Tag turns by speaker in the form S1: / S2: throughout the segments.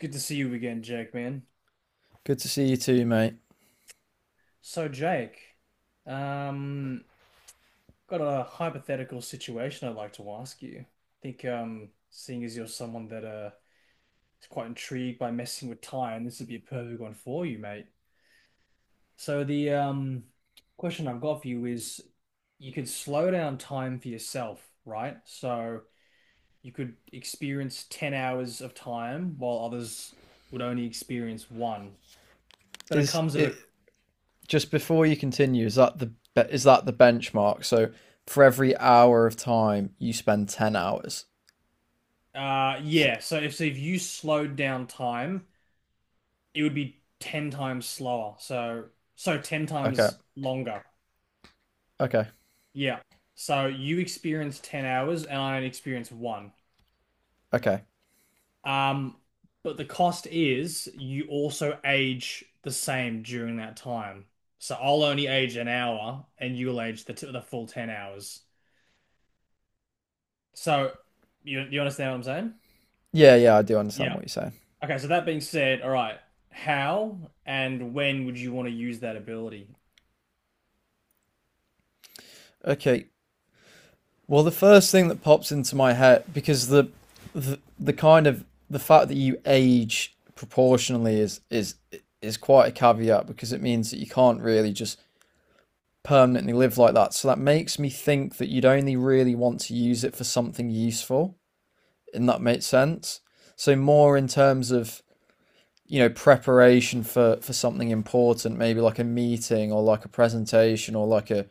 S1: Good to see you again, Jake, man.
S2: Good to see you too, mate.
S1: So, Jake, um, got a hypothetical situation I'd like to ask you. I think, seeing as you're someone that is quite intrigued by messing with time, this would be a perfect one for you, mate. So, the question I've got for you is, you could slow down time for yourself, right? So you could experience 10 hours of time while others would only experience one. But it
S2: Is
S1: comes at a
S2: it just before you continue? Is that the benchmark? So for every hour of time, you spend 10 hours. So-
S1: Yeah. So if you slowed down time, it would be ten times slower. So ten
S2: okay,
S1: times longer.
S2: okay,
S1: Yeah. So you experience 10 hours, and I only experience one.
S2: okay.
S1: Um, but the cost is you also age the same during that time. So I'll only age an hour, and you'll age the full 10 hours. So you understand what I'm saying?
S2: Yeah, I do understand
S1: Yeah.
S2: what you're saying.
S1: Okay, so that being said, all right, how and when would you want to use that ability?
S2: Okay. Well, the first thing that pops into my head, because the kind of the fact that you age proportionally is is quite a caveat, because it means that you can't really just permanently live like that. So that makes me think that you'd only really want to use it for something useful, and that makes sense. So more in terms of preparation for something important, maybe like a meeting or like a presentation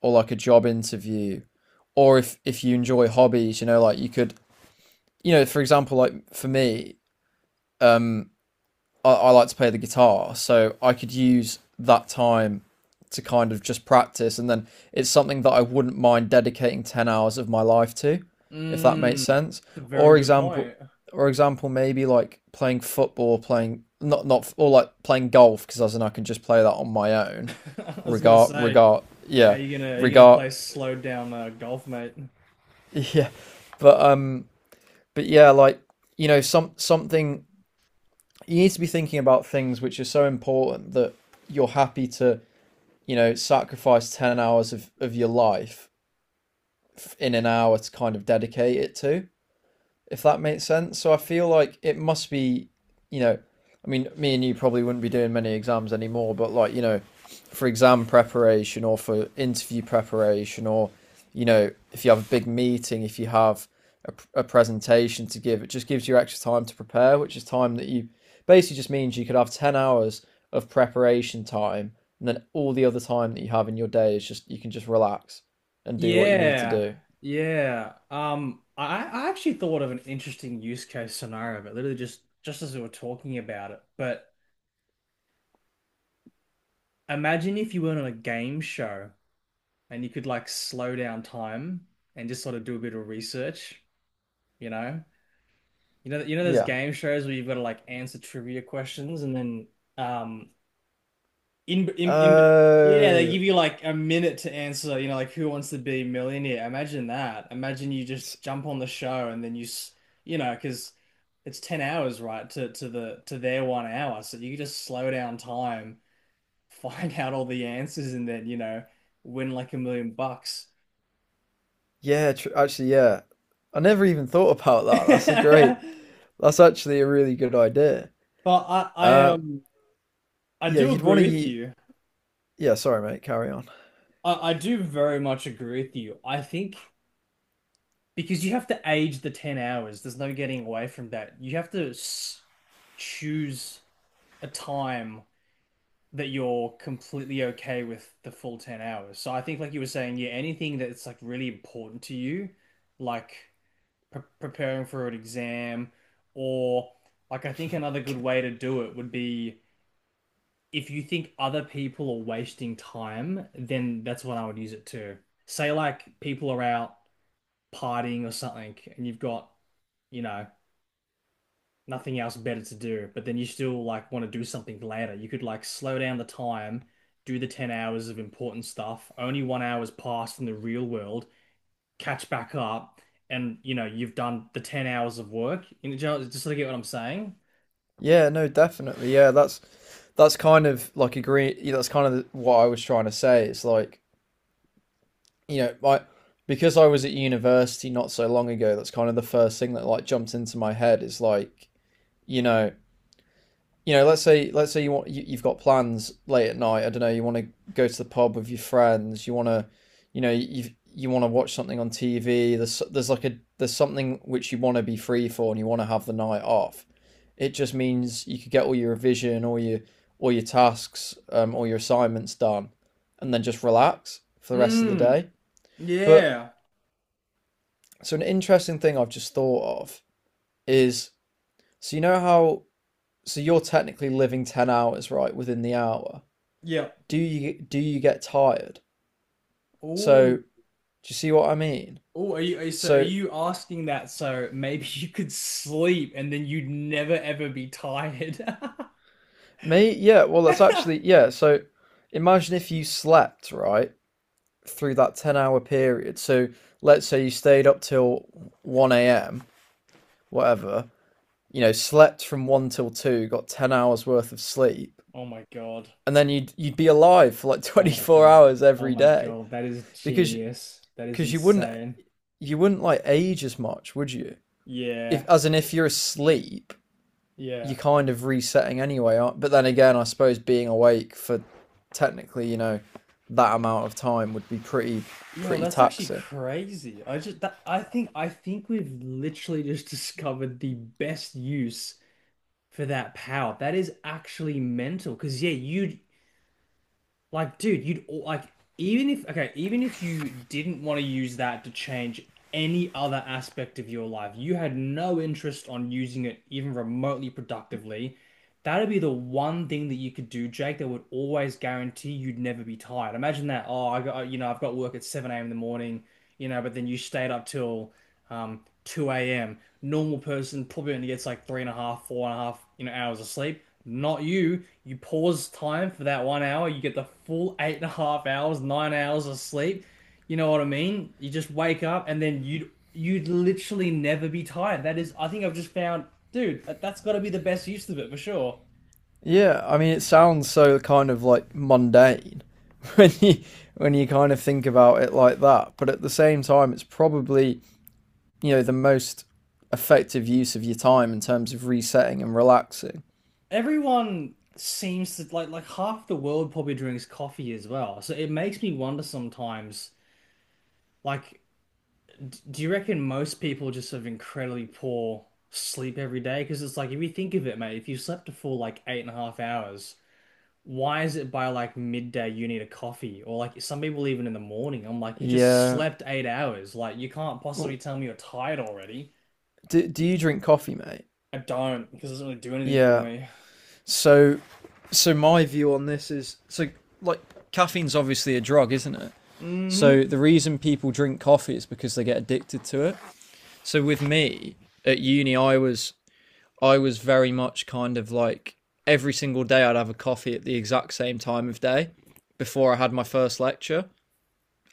S2: or like a job interview, or if you enjoy hobbies, you know, like you could, for example, like for me, I like to play the guitar, so I could use that time to kind of just practice, and then it's something that I wouldn't mind dedicating 10 hours of my life to, if that makes
S1: Mm,
S2: sense.
S1: that's a very
S2: Or
S1: good
S2: example,
S1: point.
S2: or example, maybe like playing football, playing not not or like playing golf, because as in I can just play that on my own.
S1: I was gonna say,
S2: Yeah,
S1: are you gonna
S2: regard,
S1: play slowed down golf, mate?
S2: yeah, but um, but yeah, like, you know, something you need to be thinking about, things which are so important that you're happy to, you know, sacrifice 10 hours of your life in an hour to kind of dedicate it to, if that makes sense. So I feel like it must be, you know. I mean, me and you probably wouldn't be doing many exams anymore, but like, you know, for exam preparation or for interview preparation, or, you know, if you have a big meeting, if you have a presentation to give, it just gives you extra time to prepare, which is time that you, basically, just means you could have 10 hours of preparation time, and then all the other time that you have in your day is just, you can just relax and do what you need to
S1: Yeah,
S2: do.
S1: yeah. I actually thought of an interesting use case scenario, but literally just as we were talking about it. But imagine if you weren't on a game show and you could like slow down time and just sort of do a bit of research, you know? You know, you know those
S2: Yeah.
S1: game shows where you've got to like answer trivia questions and then um in in in bet- yeah, they
S2: Oh,
S1: give you like a minute to answer, you know, like who wants to be a millionaire? Imagine that. Imagine you
S2: it's
S1: just jump on the show and then you know, because it's 10 hours, right, to their 1 hour. So you just slow down time, find out all the answers and then, you know, win like a million bucks.
S2: Yeah, tr actually, yeah, I never even thought about that. That's actually a really good idea.
S1: But I I
S2: Uh,
S1: um I
S2: yeah,
S1: do
S2: you'd want to
S1: agree with
S2: eat.
S1: you.
S2: Yeah, sorry, mate, carry on.
S1: I do very much agree with you. I think because you have to age the 10 hours, there's no getting away from that. You have to s choose a time that you're completely okay with the full 10 hours. So I think, like you were saying, yeah, anything that's like really important to you, like preparing for an exam, or like I think another good
S2: Okay.
S1: way to do it would be if you think other people are wasting time, then that's what I would use it to. Say like people are out partying or something and you've got, you know, nothing else better to do, but then you still like want to do something later. You could like slow down the time, do the 10 hours of important stuff, only 1 hour's passed in the real world, catch back up, and you know, you've done the 10 hours of work. You know, just so you get what I'm saying?
S2: Yeah, no, definitely. Yeah, that's kind of like, agree. Yeah, that's kind of what I was trying to say. It's like, you know, like, because I was at university not so long ago, that's kind of the first thing that like jumped into my head, is like, you know, let's say you want, you've got plans late at night. I don't know. You want to go to the pub with your friends. You want to, you know, you want to watch something on TV. There's like a, there's something which you want to be free for, and you want to have the night off. It just means you could get all your revision, all your tasks, all your assignments done, and then just relax for the rest of the
S1: Mm,
S2: day. But
S1: yeah.
S2: so an interesting thing I've just thought of is, so you know how, so you're technically living 10 hours right within the hour,
S1: Yeah.
S2: do you get tired?
S1: Oh,
S2: So do you see what I mean?
S1: oh, are
S2: So
S1: you asking that so maybe you could sleep and then you'd never ever be tired?
S2: well, that's actually, yeah, so imagine if you slept, right, through that 10-hour period. So let's say you stayed up till 1 a.m., whatever, you know, slept from 1 till 2, got 10 hours worth of sleep,
S1: Oh my God.
S2: and then you'd be alive for like
S1: Oh my
S2: 24
S1: God.
S2: hours
S1: Oh
S2: every
S1: my
S2: day,
S1: God. That is
S2: because
S1: genius. That is
S2: because you wouldn't
S1: insane.
S2: you wouldn't like age as much, would you? If,
S1: Yeah.
S2: as in, if you're asleep,
S1: Yeah.
S2: you're kind of resetting anyway. But then again, I suppose being awake for, technically, you know, that amount of time would be
S1: Yo,
S2: pretty
S1: that's actually
S2: taxing.
S1: crazy. I just that I think we've literally just discovered the best use for that power. That is actually mental. Because yeah, you like, dude, like even if okay, even if you didn't want to use that to change any other aspect of your life, you had no interest on using it even remotely productively. That'd be the one thing that you could do, Jake, that would always guarantee you'd never be tired. Imagine that. Oh, you know, I've got work at 7 a.m. in the morning, you know, but then you stayed up till 2 a.m. Normal person probably only gets like three and a half, four and a half, you know, hours of sleep. Not you. You pause time for that 1 hour. You get the full eight and a half hours, 9 hours of sleep. You know what I mean? You just wake up and then you'd literally never be tired. That is, I think I've just found, dude, that's got to be the best use of it for sure.
S2: Yeah, I mean, it sounds so kind of like mundane when you, when you kind of think about it like that. But at the same time, it's probably, you know, the most effective use of your time in terms of resetting and relaxing.
S1: Everyone seems to like half the world probably drinks coffee as well. So it makes me wonder sometimes, like. Do you reckon most people just have incredibly poor sleep every day? Because it's like, if you think of it, mate, if you slept a full like eight and a half hours, why is it by like midday you need a coffee? Or like some people even in the morning, I'm like, you just
S2: Yeah.
S1: slept 8 hours. Like, you can't possibly
S2: Oh,
S1: tell me you're tired already.
S2: Do you drink coffee, mate?
S1: I don't, because it doesn't really do anything for
S2: Yeah.
S1: me.
S2: So, so, my view on this is, so, like, caffeine's obviously a drug, isn't it?
S1: Mm-hmm.
S2: So the reason people drink coffee is because they get addicted to it. So with me at uni, I was very much kind of like every single day I'd have a coffee at the exact same time of day before I had my first lecture,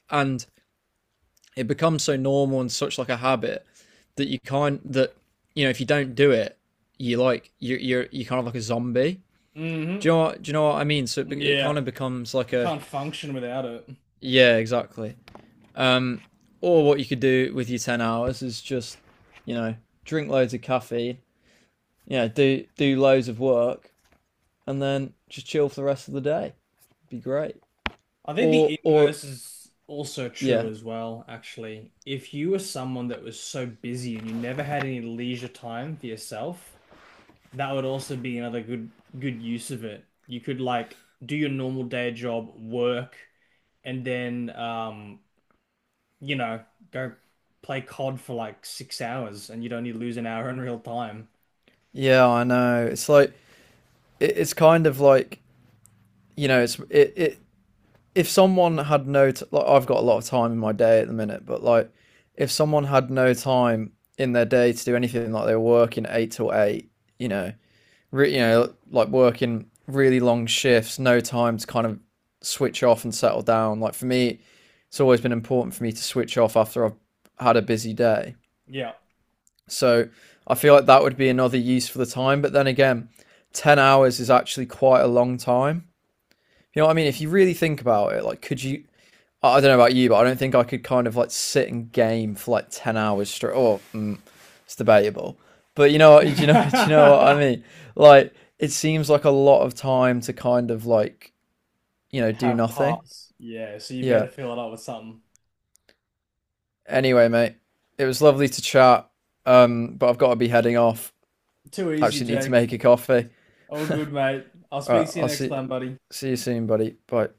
S2: and it becomes so normal and such like a habit, that you can't that you know if you don't do it, you kind of like a zombie.
S1: Mm-hmm.
S2: Do you know what I mean? So it
S1: Yeah.
S2: kind of becomes like
S1: You
S2: a,
S1: can't function without it.
S2: yeah, exactly. Um, or what you could do with your 10 hours is just, you know, drink loads of caffeine, yeah, do loads of work, and then just chill for the rest of the day. It'd be great.
S1: I think
S2: Or
S1: the
S2: or
S1: inverse is also true
S2: yeah,
S1: as well, actually. If you were someone that was so busy and you never had any leisure time for yourself, that would also be another good use of it. You could like do your normal day job, work, and then you know, go play COD for like 6 hours and you'd only lose an hour in real time.
S2: yeah, I know. It's like, it's kind of like, you know, it, if someone had no t- like, I've got a lot of time in my day at the minute, but like, if someone had no time in their day to do anything, like they were working eight till eight, you know, you know, like working really long shifts, no time to kind of switch off and settle down. Like for me, it's always been important for me to switch off after I've had a busy day.
S1: Yeah.
S2: So I feel like that would be another use for the time. But then again, 10 hours is actually quite a long time. You know what I mean? If you really think about it, like, could you, I don't know about you, but I don't think I could kind of like sit and game for like 10 hours straight. It's debatable, but you know, you know what I mean? Like, it seems like a lot of time to kind of like, you know, do
S1: Have
S2: nothing.
S1: pass. Yeah, so you
S2: Yeah.
S1: better fill it up with something.
S2: Anyway, mate, it was lovely to chat. But I've got to be heading off.
S1: Too easy,
S2: Actually, need to
S1: Jake.
S2: make a coffee.
S1: All good, mate. I'll
S2: All
S1: speak
S2: right,
S1: to you
S2: I'll
S1: next time, buddy.
S2: see you soon, buddy. Bye.